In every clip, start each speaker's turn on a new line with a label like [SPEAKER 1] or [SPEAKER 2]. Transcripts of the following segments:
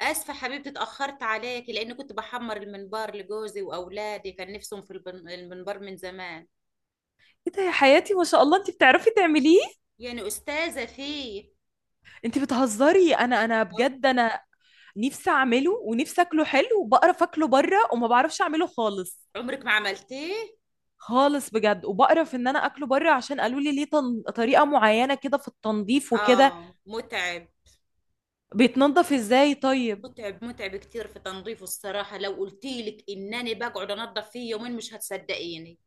[SPEAKER 1] اسفه حبيبتي، اتاخرت عليكي لان كنت بحمر المنبار لجوزي واولادي، كان نفسهم في المنبار من زمان.
[SPEAKER 2] ايه ده يا حياتي، ما شاء الله انت بتعرفي تعمليه؟
[SPEAKER 1] يعني استاذه فيه.
[SPEAKER 2] انت بتهزري؟ انا
[SPEAKER 1] آه،
[SPEAKER 2] بجد، انا نفسي اعمله ونفسي اكله حلو، وبقرف اكله بره وما بعرفش اعمله خالص.
[SPEAKER 1] عمرك ما عملتيه؟
[SPEAKER 2] خالص بجد، وبقرف ان انا اكله بره عشان قالوا لي ليه طريقه معينه كده في التنظيف وكده.
[SPEAKER 1] اه، متعب.
[SPEAKER 2] بيتنضف ازاي طيب؟
[SPEAKER 1] متعب متعب كتير في تنظيفه، الصراحه، لو قلت لك انني بقعد انظف فيه يومين مش هتصدقيني.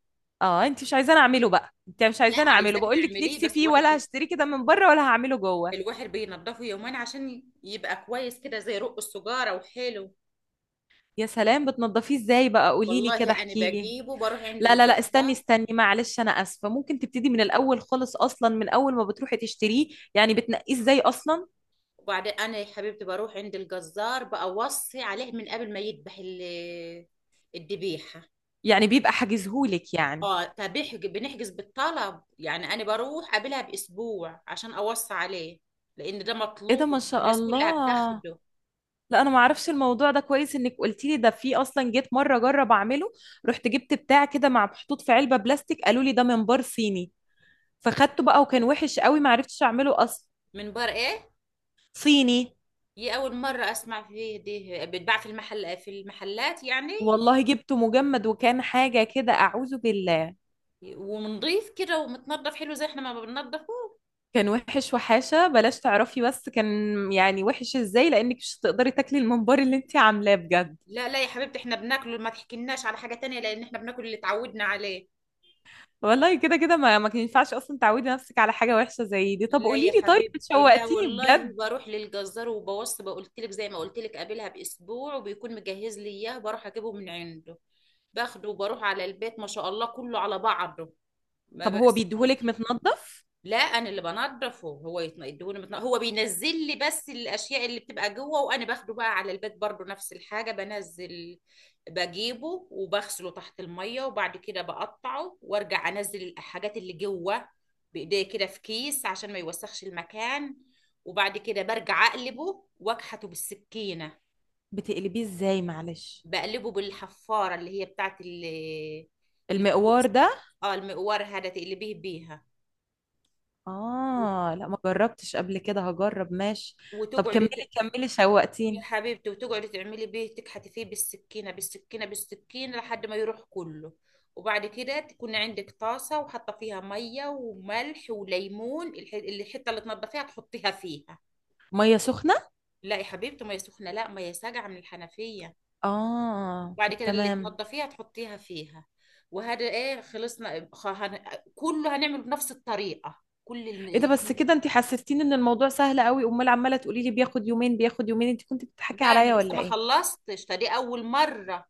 [SPEAKER 2] اه، انت مش عايزاني اعمله بقى، انت مش
[SPEAKER 1] لا،
[SPEAKER 2] عايزاني اعمله.
[SPEAKER 1] عايزاك
[SPEAKER 2] بقول لك
[SPEAKER 1] تعمليه،
[SPEAKER 2] نفسي
[SPEAKER 1] بس
[SPEAKER 2] فيه، ولا هشتريه كده من بره ولا هعمله جوه؟
[SPEAKER 1] الواحد بينضفه يومين عشان يبقى كويس كده، زي رق السجاره وحلو.
[SPEAKER 2] يا سلام، بتنضفيه ازاي بقى؟ قولي لي
[SPEAKER 1] والله
[SPEAKER 2] كده،
[SPEAKER 1] انا
[SPEAKER 2] احكي لي.
[SPEAKER 1] بجيبه، بروح عند
[SPEAKER 2] لا لا لا، استني
[SPEAKER 1] الجزار.
[SPEAKER 2] استني، معلش انا اسفه، ممكن تبتدي من الاول خالص، اصلا من اول ما بتروحي تشتريه؟ يعني بتنقيه ازاي اصلا؟
[SPEAKER 1] وبعدين انا يا حبيبتي بروح عند الجزار، بأوصي عليه من قبل ما يذبح الذبيحه.
[SPEAKER 2] يعني بيبقى حاجزهولك يعني؟
[SPEAKER 1] اه، بنحجز بالطلب يعني، انا بروح قبلها باسبوع عشان اوصي عليه، لان ده
[SPEAKER 2] ايه ده، ما
[SPEAKER 1] مطلوب،
[SPEAKER 2] شاء
[SPEAKER 1] الناس كلها
[SPEAKER 2] الله.
[SPEAKER 1] بتاخده.
[SPEAKER 2] لا انا ما اعرفش الموضوع ده كويس، انك قلتي لي ده. في اصلا جيت مره اجرب اعمله، رحت جبت بتاع كده مع محطوط في علبه بلاستيك، قالوا لي ده منبار صيني. فخدته بقى وكان وحش قوي، ما عرفتش اعمله اصلا.
[SPEAKER 1] من بر ايه؟
[SPEAKER 2] صيني.
[SPEAKER 1] دي اول مره اسمع فيه. دي بتباع في المحل، في المحلات يعني؟
[SPEAKER 2] والله جبته مجمد، وكان حاجه كده اعوذ بالله.
[SPEAKER 1] ونضيف كده ومتنضف حلو زي احنا ما بننضفه؟
[SPEAKER 2] كان وحش وحاشة بلاش تعرفي، بس كان يعني وحش ازاي، لانك مش هتقدري تاكلي الممبار اللي انت عاملاه بجد.
[SPEAKER 1] لا، لا يا حبيبتي، احنا بناكله، ما تحكيلناش على حاجه تانية، لان احنا بناكل اللي اتعودنا عليه.
[SPEAKER 2] والله كده كده، ما كان ينفعش اصلا تعودي نفسك على حاجة وحشة زي دي. طب
[SPEAKER 1] لا
[SPEAKER 2] قولي
[SPEAKER 1] يا
[SPEAKER 2] لي طيب،
[SPEAKER 1] حبيبتي، لا
[SPEAKER 2] شوقتيني
[SPEAKER 1] والله،
[SPEAKER 2] بجد.
[SPEAKER 1] بروح للجزار وبوصي، بقولت لك زي ما قلت لك، قابلها باسبوع وبيكون مجهز لي اياه، بروح اجيبه من عنده. باخده وبروح على البيت، ما شاء الله كله على بعضه، ما
[SPEAKER 2] طب هو بيديهولك
[SPEAKER 1] بقسموش.
[SPEAKER 2] متنضف؟
[SPEAKER 1] لا، انا اللي بنضفه. هو يديهوني، هو بينزل لي بس الاشياء اللي بتبقى جوه، وانا باخده بقى على البيت، برضو نفس الحاجه، بنزل بجيبه وبغسله تحت الميه، وبعد كده بقطعه وارجع انزل الحاجات اللي جوه بايديا كده في كيس عشان ما يوسخش المكان. وبعد كده برجع اقلبه واكحته بالسكينه.
[SPEAKER 2] بتقلبيه ازاي معلش؟
[SPEAKER 1] بقلبه بالحفاره اللي هي بتاعت
[SPEAKER 2] المقوار
[SPEAKER 1] الكوسه.
[SPEAKER 2] ده؟
[SPEAKER 1] اه، المقوار هذا تقلبيه بيها.
[SPEAKER 2] اه لا، ما جربتش قبل كده، هجرب ماشي. طب
[SPEAKER 1] وتقعد،
[SPEAKER 2] كملي. كملي،
[SPEAKER 1] يا
[SPEAKER 2] شوقتيني.
[SPEAKER 1] حبيبتي، وتقعدي تعملي بيه، تكحتي فيه بالسكينة بالسكينة بالسكينة لحد ما يروح كله. وبعد كده تكون عندك طاسة وحاطة فيها مية وملح وليمون، الحتة اللي تنضفيها تحطيها فيها.
[SPEAKER 2] مية سخنة؟
[SPEAKER 1] لا يا حبيبتي، مية سخنة؟ لا، مية ساقعة من الحنفية.
[SPEAKER 2] اه
[SPEAKER 1] وبعد
[SPEAKER 2] طب
[SPEAKER 1] كده اللي
[SPEAKER 2] تمام.
[SPEAKER 1] تنضفيها تحطيها فيها. وهذا ايه، خلصنا. كله هنعمله بنفس الطريقة، كل
[SPEAKER 2] ايه ده؟ بس كده انت حسستيني ان الموضوع سهل قوي، امال عماله تقولي لي بياخد يومين بياخد يومين؟ انت كنت بتضحكي
[SPEAKER 1] لا، انا
[SPEAKER 2] عليا
[SPEAKER 1] لسه
[SPEAKER 2] ولا
[SPEAKER 1] ما
[SPEAKER 2] ايه؟
[SPEAKER 1] خلصتش، ده دي اول مرة.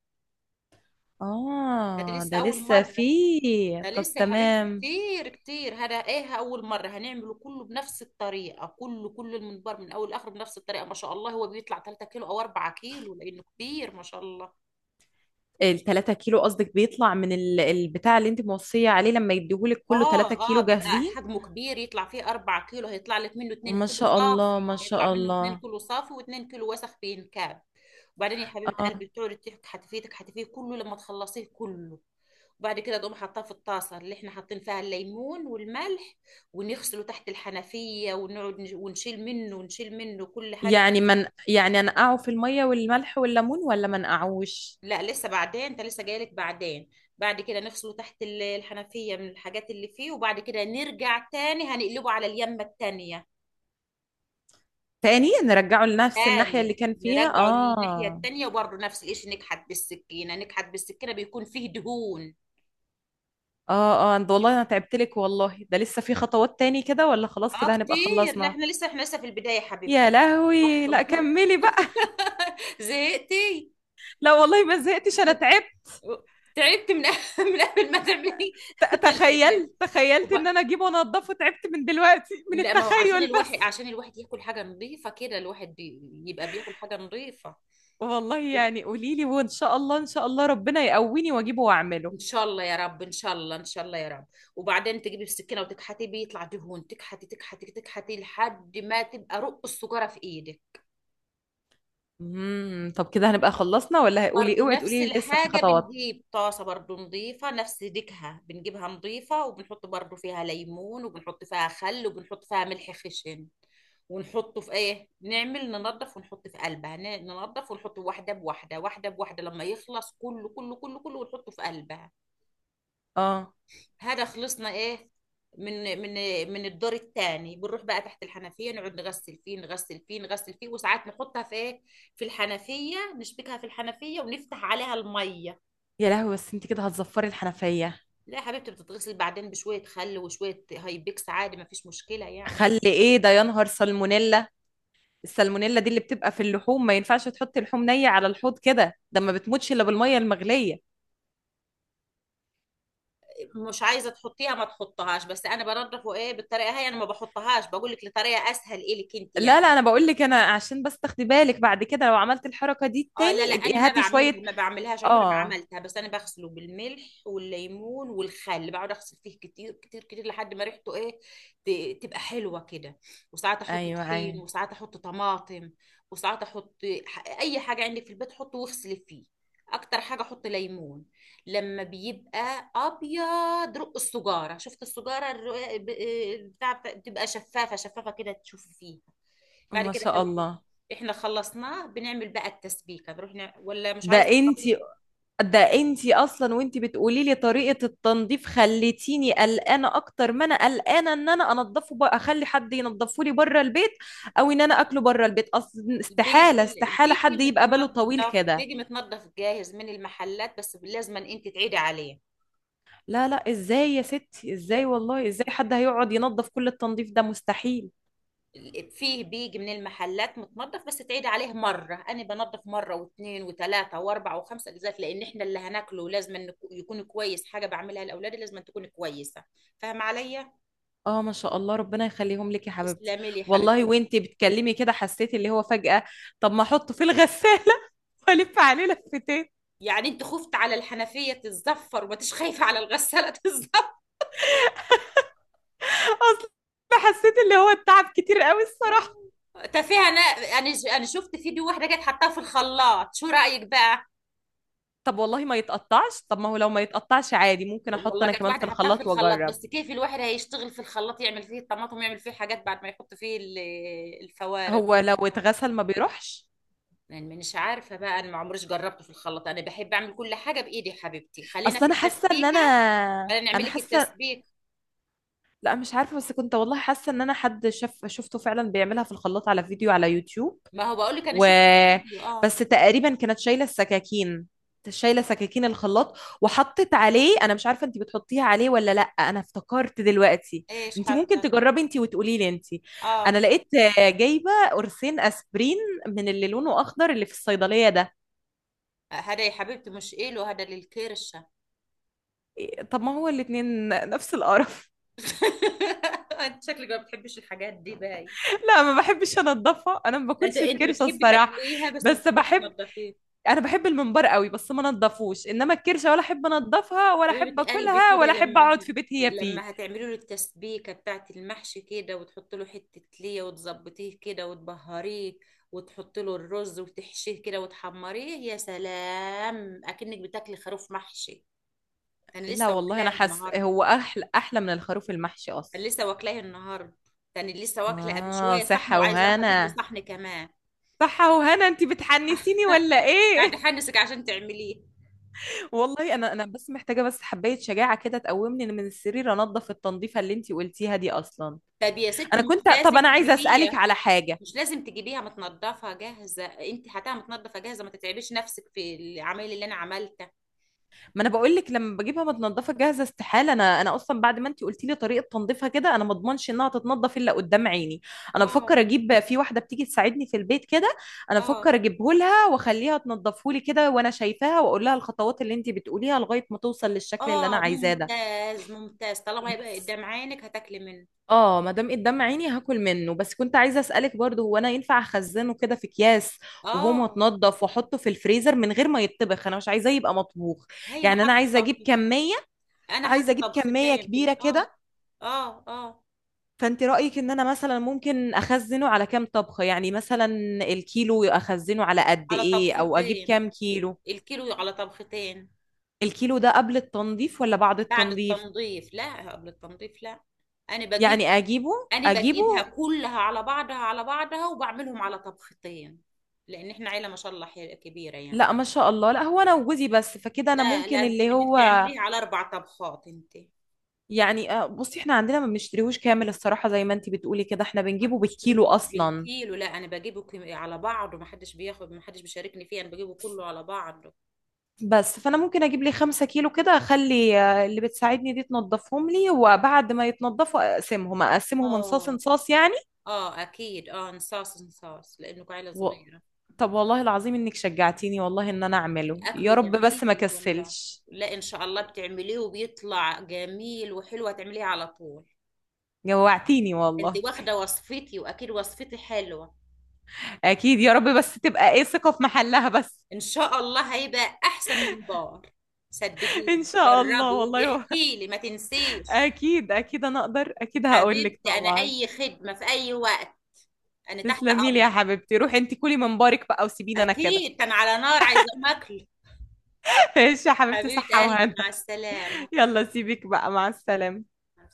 [SPEAKER 1] ده دي
[SPEAKER 2] اه
[SPEAKER 1] لسه
[SPEAKER 2] ده
[SPEAKER 1] اول
[SPEAKER 2] لسه
[SPEAKER 1] مرة.
[SPEAKER 2] فيه،
[SPEAKER 1] ده
[SPEAKER 2] طب
[SPEAKER 1] لسه يا حبيبتي
[SPEAKER 2] تمام.
[SPEAKER 1] كتير كتير، هذا ايه، اول مره هنعمله كله بنفس الطريقه، كله، كل المنبر من اول لاخر بنفس الطريقه. ما شاء الله هو بيطلع 3 كيلو او 4 كيلو لانه كبير، ما شاء الله.
[SPEAKER 2] التلاتة كيلو قصدك بيطلع من البتاع اللي انت موصية عليه؟ لما يديهولك كله تلاتة
[SPEAKER 1] اه، اه،
[SPEAKER 2] كيلو
[SPEAKER 1] بيبقى
[SPEAKER 2] جاهزين؟
[SPEAKER 1] حجمه كبير، يطلع فيه 4 كيلو، هيطلع لك منه 2
[SPEAKER 2] ما
[SPEAKER 1] كيلو
[SPEAKER 2] شاء
[SPEAKER 1] صافي،
[SPEAKER 2] الله ما
[SPEAKER 1] هيطلع
[SPEAKER 2] شاء
[SPEAKER 1] منه 2
[SPEAKER 2] الله.
[SPEAKER 1] كيلو صافي و2 كيلو وسخ بينكاب. وبعدين يا حبيبه
[SPEAKER 2] اه.
[SPEAKER 1] قلبي، بتقعدي تحكي، حتفيتك حتفيه كله لما تخلصيه كله. وبعد كده تقوم حاطاه في الطاسه اللي احنا حاطين فيها الليمون والملح، ونغسله تحت الحنفيه، ونقعد ونشيل منه ونشيل منه كل حاجه
[SPEAKER 2] يعني
[SPEAKER 1] فيه.
[SPEAKER 2] من يعني انقعه في المية والملح والليمون ولا ما نقعوش؟
[SPEAKER 1] لا، لسه، بعدين، انت لسه جايلك بعدين. بعد كده نغسله تحت الحنفيه من الحاجات اللي فيه، وبعد كده نرجع تاني، هنقلبه على اليمه التانيه.
[SPEAKER 2] تاني نرجعه لنفس الناحية اللي
[SPEAKER 1] تاني،
[SPEAKER 2] كان فيها؟
[SPEAKER 1] نرجعه للناحيه
[SPEAKER 2] اه.
[SPEAKER 1] التانيه، وبرضه نفس الشيء، نكحت بالسكينه نكحت بالسكينه، بيكون فيه دهون.
[SPEAKER 2] اه اه، ده والله انا تعبت لك، والله ده لسه في خطوات تاني كده، ولا خلاص
[SPEAKER 1] اه
[SPEAKER 2] كده هنبقى
[SPEAKER 1] كتير. لا،
[SPEAKER 2] خلصنا؟
[SPEAKER 1] احنا لسه، احنا لسه في البداية يا
[SPEAKER 2] يا
[SPEAKER 1] حبيبتي. بح-
[SPEAKER 2] لهوي، لا كملي بقى.
[SPEAKER 1] زهقتي؟
[SPEAKER 2] لا والله ما زهقتش، انا تعبت.
[SPEAKER 1] تعبت من من قبل ما تعملي. لا لا لا.
[SPEAKER 2] تخيل، تخيلت ان
[SPEAKER 1] وب-
[SPEAKER 2] انا اجيبه وانضفه، تعبت من دلوقتي من
[SPEAKER 1] لا، ما هو عشان
[SPEAKER 2] التخيل
[SPEAKER 1] الواحد،
[SPEAKER 2] بس.
[SPEAKER 1] عشان الواحد ياكل حاجة نظيفة كده، الواحد يبقى بياكل حاجة نظيفة.
[SPEAKER 2] والله يعني قولي لي، وان شاء الله، ان شاء الله ربنا يقويني واجيبه واعمله.
[SPEAKER 1] ان شاء الله يا رب، ان شاء الله، ان شاء الله يا رب. وبعدين تجيبي السكينة وتكحتي بيه، يطلع دهون، تكحتي تكحتي تكحتي لحد ما تبقى رق السجارة في ايدك.
[SPEAKER 2] طب كده هنبقى خلصنا، ولا قولي
[SPEAKER 1] برضو
[SPEAKER 2] اوعي
[SPEAKER 1] نفس
[SPEAKER 2] تقولي لي لسه في
[SPEAKER 1] الحاجة،
[SPEAKER 2] خطوات؟
[SPEAKER 1] بنجيب طاسة برضو نظيفة نفس ديكها، بنجيبها نظيفة، وبنحط برضو فيها ليمون، وبنحط فيها خل، وبنحط فيها ملح خشن. ونحطه في ايه، نعمل، ننضف ونحط في قلبها، ننضف ونحط، واحدة بواحدة، واحدة بواحدة، لما يخلص كله كله كله كله، ونحطه في قلبها.
[SPEAKER 2] اه.
[SPEAKER 1] هذا خلصنا ايه. من من الدور الثاني بنروح بقى تحت الحنفية، نقعد نغسل فيه، نغسل فيه، نغسل فيه، وساعات نحطها في ايه، في الحنفية، نشبكها في الحنفية ونفتح عليها المية.
[SPEAKER 2] يا لهوي، بس انت كده هتزفري الحنفية.
[SPEAKER 1] لا يا حبيبتي، بتتغسل بعدين بشوية خل وشوية هايبكس، عادي، ما فيش مشكلة يعني.
[SPEAKER 2] خلي ايه ده، يا نهار سالمونيلا. السالمونيلا دي اللي بتبقى في اللحوم، ما ينفعش تحطي لحوم نية على الحوض كده، ده ما بتموتش الا بالمية المغلية.
[SPEAKER 1] مش عايزة تحطيها، ما تحطهاش، بس أنا بنضف وإيه، بالطريقة هي أنا ما بحطهاش، بقول لك لطريقة أسهل إلك أنت
[SPEAKER 2] لا لا،
[SPEAKER 1] يعني.
[SPEAKER 2] انا بقول لك، انا عشان بس تاخدي بالك بعد كده لو عملت الحركة دي
[SPEAKER 1] اه،
[SPEAKER 2] تاني
[SPEAKER 1] لا لا،
[SPEAKER 2] ابقي
[SPEAKER 1] انا ما
[SPEAKER 2] هاتي شوية.
[SPEAKER 1] بعملها، ما بعملهاش، عمري ما
[SPEAKER 2] اه.
[SPEAKER 1] عملتها، بس انا بغسله بالملح والليمون والخل، بقعد اغسل فيه كتير كتير كتير لحد ما ريحته ايه، تبقى حلوه كده. وساعات احط
[SPEAKER 2] ايوه
[SPEAKER 1] طحين،
[SPEAKER 2] ايوه.
[SPEAKER 1] وساعات احط طماطم، وساعات احط اي حاجه عندك في البيت حطه واغسلي فيه. اكتر حاجه احط ليمون. لما بيبقى ابيض رق السجاره، شفت السجاره بتاع، بتبقى شفافه شفافه كده تشوفي فيها. بعد
[SPEAKER 2] ما
[SPEAKER 1] كده
[SPEAKER 2] شاء
[SPEAKER 1] حبيبتي،
[SPEAKER 2] الله.
[SPEAKER 1] احنا خلصناه، بنعمل بقى التسبيكه، بنروح ولا مش
[SPEAKER 2] ده
[SPEAKER 1] عايزه الطبيخ؟
[SPEAKER 2] انتي، ده انتي اصلا وانتي بتقولي لي طريقة التنظيف خليتيني قلقانة اكتر، ما انا قلقانة ان انا انضفه بقى اخلي حد ينضفه لي بره البيت، او ان انا اكله بره البيت اصلا. استحالة استحالة حد
[SPEAKER 1] بيجي
[SPEAKER 2] يبقى باله طويل
[SPEAKER 1] متنضف،
[SPEAKER 2] كده.
[SPEAKER 1] بيجي متنضف جاهز من المحلات، بس لازم انت تعيدي عليه.
[SPEAKER 2] لا لا، ازاي يا ستي؟
[SPEAKER 1] لا،
[SPEAKER 2] ازاي والله؟ ازاي حد هيقعد ينظف كل التنظيف ده؟ مستحيل.
[SPEAKER 1] فيه بيجي من المحلات متنضف بس تعيدي عليه، مره انا بنضف مره واثنين وثلاثه واربعه وخمسه اجزاء، لان احنا اللي هناكله لازم إنه يكون كويس، حاجه بعملها لاولادي لازم تكون كويسه. فاهمه عليا؟
[SPEAKER 2] اه، ما شاء الله ربنا يخليهم لك يا حبيبتي.
[SPEAKER 1] تسلمي لي يا
[SPEAKER 2] والله
[SPEAKER 1] حبيبتي.
[SPEAKER 2] وانتي بتكلمي كده حسيت اللي هو فجأة، طب ما احطه في الغسالة والف عليه لفتين.
[SPEAKER 1] يعني انت خفت على الحنفية تتزفر وما تش خايفة على الغسالة تتزفر؟
[SPEAKER 2] اصل حسيت اللي هو التعب كتير قوي الصراحة.
[SPEAKER 1] تفاهة انا. انا شفت فيديو واحدة كانت حطاها في الخلاط، شو رأيك بقى؟
[SPEAKER 2] طب والله ما يتقطعش، طب ما هو لو ما يتقطعش عادي، ممكن احط
[SPEAKER 1] والله
[SPEAKER 2] انا
[SPEAKER 1] كانت
[SPEAKER 2] كمان في
[SPEAKER 1] واحدة حطاها في
[SPEAKER 2] الخلاط
[SPEAKER 1] الخلاط،
[SPEAKER 2] واجرب.
[SPEAKER 1] بس كيف الواحد هيشتغل في الخلاط، يعمل فيه الطماطم، يعمل فيه حاجات بعد ما يحط فيه الفوارغ.
[SPEAKER 2] هو لو اتغسل ما بيروحش.
[SPEAKER 1] يعني مش عارفة بقى، انا ما عمريش جربته في الخلاط، انا بحب اعمل كل حاجة بايدي، يا حبيبتي خلينا
[SPEAKER 2] اصل
[SPEAKER 1] في
[SPEAKER 2] انا حاسة ان
[SPEAKER 1] التسبيكة.
[SPEAKER 2] انا
[SPEAKER 1] خلينا نعمل
[SPEAKER 2] انا
[SPEAKER 1] لك
[SPEAKER 2] حاسة
[SPEAKER 1] التسبيك.
[SPEAKER 2] لا مش عارفة، بس كنت والله حاسة ان انا حد شفته فعلا بيعملها في الخلاط على فيديو على يوتيوب.
[SPEAKER 1] ما هو بقول لك انا
[SPEAKER 2] و
[SPEAKER 1] شفت الفيديو، اه.
[SPEAKER 2] بس تقريبا كانت شايلة السكاكين، شايلة سكاكين الخلاط، وحطت عليه. انا مش عارفة انت بتحطيها عليه ولا لا، انا افتكرت دلوقتي.
[SPEAKER 1] ايش
[SPEAKER 2] انت ممكن
[SPEAKER 1] حاطة؟
[SPEAKER 2] تجربي انت وتقولي لي انت. انا
[SPEAKER 1] اه،
[SPEAKER 2] لقيت جايبة قرصين اسبرين من اللي لونه اخضر اللي في الصيدلية ده.
[SPEAKER 1] هذا يا حبيبتي مش إله، هذا للكرشة.
[SPEAKER 2] إيه، طب ما هو الاتنين نفس القرف.
[SPEAKER 1] انت شكلك ما بتحبيش الحاجات دي، باي.
[SPEAKER 2] لا ما بحبش انضفها، انا ما
[SPEAKER 1] انت
[SPEAKER 2] باكلش
[SPEAKER 1] انت
[SPEAKER 2] الكرشة
[SPEAKER 1] بتحبي
[SPEAKER 2] الصراحة.
[SPEAKER 1] تاكليها بس ما
[SPEAKER 2] بس
[SPEAKER 1] بتحبيش
[SPEAKER 2] بحب،
[SPEAKER 1] تنضفيها.
[SPEAKER 2] انا بحب الممبار قوي بس ما نضفوش. انما الكرشه، ولا احب انضفها ولا احب
[SPEAKER 1] حبيبة قلبي،
[SPEAKER 2] اكلها ولا
[SPEAKER 1] كده
[SPEAKER 2] احب
[SPEAKER 1] لما
[SPEAKER 2] اقعد في بيت هي فيه.
[SPEAKER 1] لما هتعملي له التسبيكة بتاعت المحشي كده، وتحط له حتة ليا، وتظبطيه كده وتبهريه، وتحط له الرز وتحشيه كده وتحمريه، يا سلام، اكنك بتاكلي خروف محشي. انا
[SPEAKER 2] لا
[SPEAKER 1] لسه
[SPEAKER 2] والله انا
[SPEAKER 1] واكلاه
[SPEAKER 2] حاسه
[SPEAKER 1] النهارده.
[SPEAKER 2] هو احلى، احلى من الخروف المحشي
[SPEAKER 1] انا
[SPEAKER 2] اصلا.
[SPEAKER 1] لسه واكلاه النهارده. يعني لسه واكله قبل
[SPEAKER 2] اه
[SPEAKER 1] شويه صحن،
[SPEAKER 2] صحه
[SPEAKER 1] وعايزه اروح اجيب لي
[SPEAKER 2] وهنا.
[SPEAKER 1] صحن كمان.
[SPEAKER 2] صحه وهنا، انت بتحنسيني ولا
[SPEAKER 1] قاعد
[SPEAKER 2] ايه؟
[SPEAKER 1] احنسك عشان تعمليه.
[SPEAKER 2] والله انا بس محتاجه بس حبايه شجاعه كده تقومني من السرير انضف التنظيفه اللي انت قلتيها دي اصلا.
[SPEAKER 1] طب يا
[SPEAKER 2] انا
[SPEAKER 1] ستي، مش
[SPEAKER 2] كنت، طب
[SPEAKER 1] لازم
[SPEAKER 2] انا عايزه اسالك
[SPEAKER 1] تجيبيها.
[SPEAKER 2] على حاجه.
[SPEAKER 1] مش لازم تجيبيها متنضفه جاهزه، انت هاتها متنضفه جاهزه، ما تتعبيش نفسك في العمايل اللي انا عملتها.
[SPEAKER 2] ما انا بقول لك لما بجيبها متنضفه جاهزه استحاله، انا اصلا بعد ما انت قلتي لي طريقه تنظيفها كده انا ما اضمنش انها تتنضف الا قدام عيني. انا
[SPEAKER 1] اه،
[SPEAKER 2] بفكر اجيب في واحده بتيجي تساعدني في البيت كده، انا
[SPEAKER 1] اه،
[SPEAKER 2] بفكر اجيبه لها واخليها تنضفه لي كده وانا شايفاها واقول لها الخطوات اللي انت بتقوليها لغايه ما توصل للشكل اللي انا
[SPEAKER 1] اه،
[SPEAKER 2] عايزاه ده.
[SPEAKER 1] ممتاز ممتاز، طالما هيبقى
[SPEAKER 2] بس
[SPEAKER 1] قدام عينك هتاكلي منه.
[SPEAKER 2] اه، ما دام قدام عيني هاكل منه. بس كنت عايزه اسالك برضه، هو انا ينفع اخزنه كده في اكياس وهو
[SPEAKER 1] اه،
[SPEAKER 2] متنضف واحطه في الفريزر من غير ما يتطبخ؟ انا مش عايزاه يبقى مطبوخ.
[SPEAKER 1] هينا
[SPEAKER 2] يعني انا
[SPEAKER 1] حاطه طبخ. انا
[SPEAKER 2] عايزه
[SPEAKER 1] حاطه
[SPEAKER 2] اجيب كميه
[SPEAKER 1] طبختين في
[SPEAKER 2] كبيره
[SPEAKER 1] اه.
[SPEAKER 2] كده.
[SPEAKER 1] اه، اه،
[SPEAKER 2] فانت رايك ان انا مثلا ممكن اخزنه على كام طبخه يعني؟ مثلا الكيلو اخزنه على قد
[SPEAKER 1] على
[SPEAKER 2] ايه؟ او اجيب
[SPEAKER 1] طبختين،
[SPEAKER 2] كام كيلو؟
[SPEAKER 1] الكيلو على طبختين.
[SPEAKER 2] الكيلو ده قبل التنظيف ولا بعد
[SPEAKER 1] بعد
[SPEAKER 2] التنظيف؟
[SPEAKER 1] التنظيف، لا، قبل التنظيف، لا. انا بجيب.
[SPEAKER 2] يعني اجيبه،
[SPEAKER 1] انا بجيبها
[SPEAKER 2] اجيبه.
[SPEAKER 1] كلها على بعضها على بعضها، وبعملهم على طبختين، لان احنا عيله ما شاء الله كبيره يعني.
[SPEAKER 2] لا ما شاء الله، لا هو انا وجوزي بس، فكده انا
[SPEAKER 1] لا لا،
[SPEAKER 2] ممكن
[SPEAKER 1] انت
[SPEAKER 2] اللي
[SPEAKER 1] بدك
[SPEAKER 2] هو
[SPEAKER 1] تعمليها على 4 طبخات انت.
[SPEAKER 2] يعني، بصي احنا عندنا ما بنشتريهوش كامل الصراحه، زي ما انت بتقولي كده احنا بنجيبه
[SPEAKER 1] انت مش
[SPEAKER 2] بالكيلو اصلا.
[SPEAKER 1] بالكيلو، لا، انا بجيبه على بعضه، ما حدش بياخد، ما حدش بيشاركني فيه، انا بجيبه كله على بعضه.
[SPEAKER 2] بس فانا ممكن اجيب لي 5 كيلو كده، اخلي اللي بتساعدني دي تنضفهم لي، وبعد ما يتنضفوا اقسمهم اقسمهم انصاص
[SPEAKER 1] اه،
[SPEAKER 2] انصاص يعني.
[SPEAKER 1] اه، اكيد، اه، نصاص نصاص لانه عيله
[SPEAKER 2] و...
[SPEAKER 1] صغيره.
[SPEAKER 2] طب والله العظيم انك شجعتيني والله ان انا اعمله، يا
[SPEAKER 1] اكله
[SPEAKER 2] رب بس ما
[SPEAKER 1] جميل والله.
[SPEAKER 2] كسلش.
[SPEAKER 1] لا، ان شاء الله بتعمليه وبيطلع جميل، وحلوه تعمليه على طول.
[SPEAKER 2] جوعتيني والله.
[SPEAKER 1] انت واخده وصفتي، واكيد وصفتي حلوه.
[SPEAKER 2] اكيد يا رب، بس تبقى ايه ثقة في محلها بس.
[SPEAKER 1] ان شاء الله هيبقى احسن من بار.
[SPEAKER 2] ان
[SPEAKER 1] صدقيني،
[SPEAKER 2] شاء الله
[SPEAKER 1] جربي
[SPEAKER 2] والله،
[SPEAKER 1] وبيحكي لي، ما تنسيش.
[SPEAKER 2] اكيد اكيد، انا اقدر اكيد. هقول لك
[SPEAKER 1] حبيبتي انا
[SPEAKER 2] طبعا.
[SPEAKER 1] اي خدمه في اي وقت، انا تحت
[SPEAKER 2] تسلمي لي يا
[SPEAKER 1] امرك.
[SPEAKER 2] حبيبتي، روحي انت كلي من بارك بقى وسيبيني انا كده.
[SPEAKER 1] اكيد، كان على نار عايزه اكل.
[SPEAKER 2] ايش يا حبيبتي،
[SPEAKER 1] حبيبه
[SPEAKER 2] صحة
[SPEAKER 1] قلبي،
[SPEAKER 2] وهنا.
[SPEAKER 1] مع السلامه.
[SPEAKER 2] يلا سيبك بقى، مع السلامة.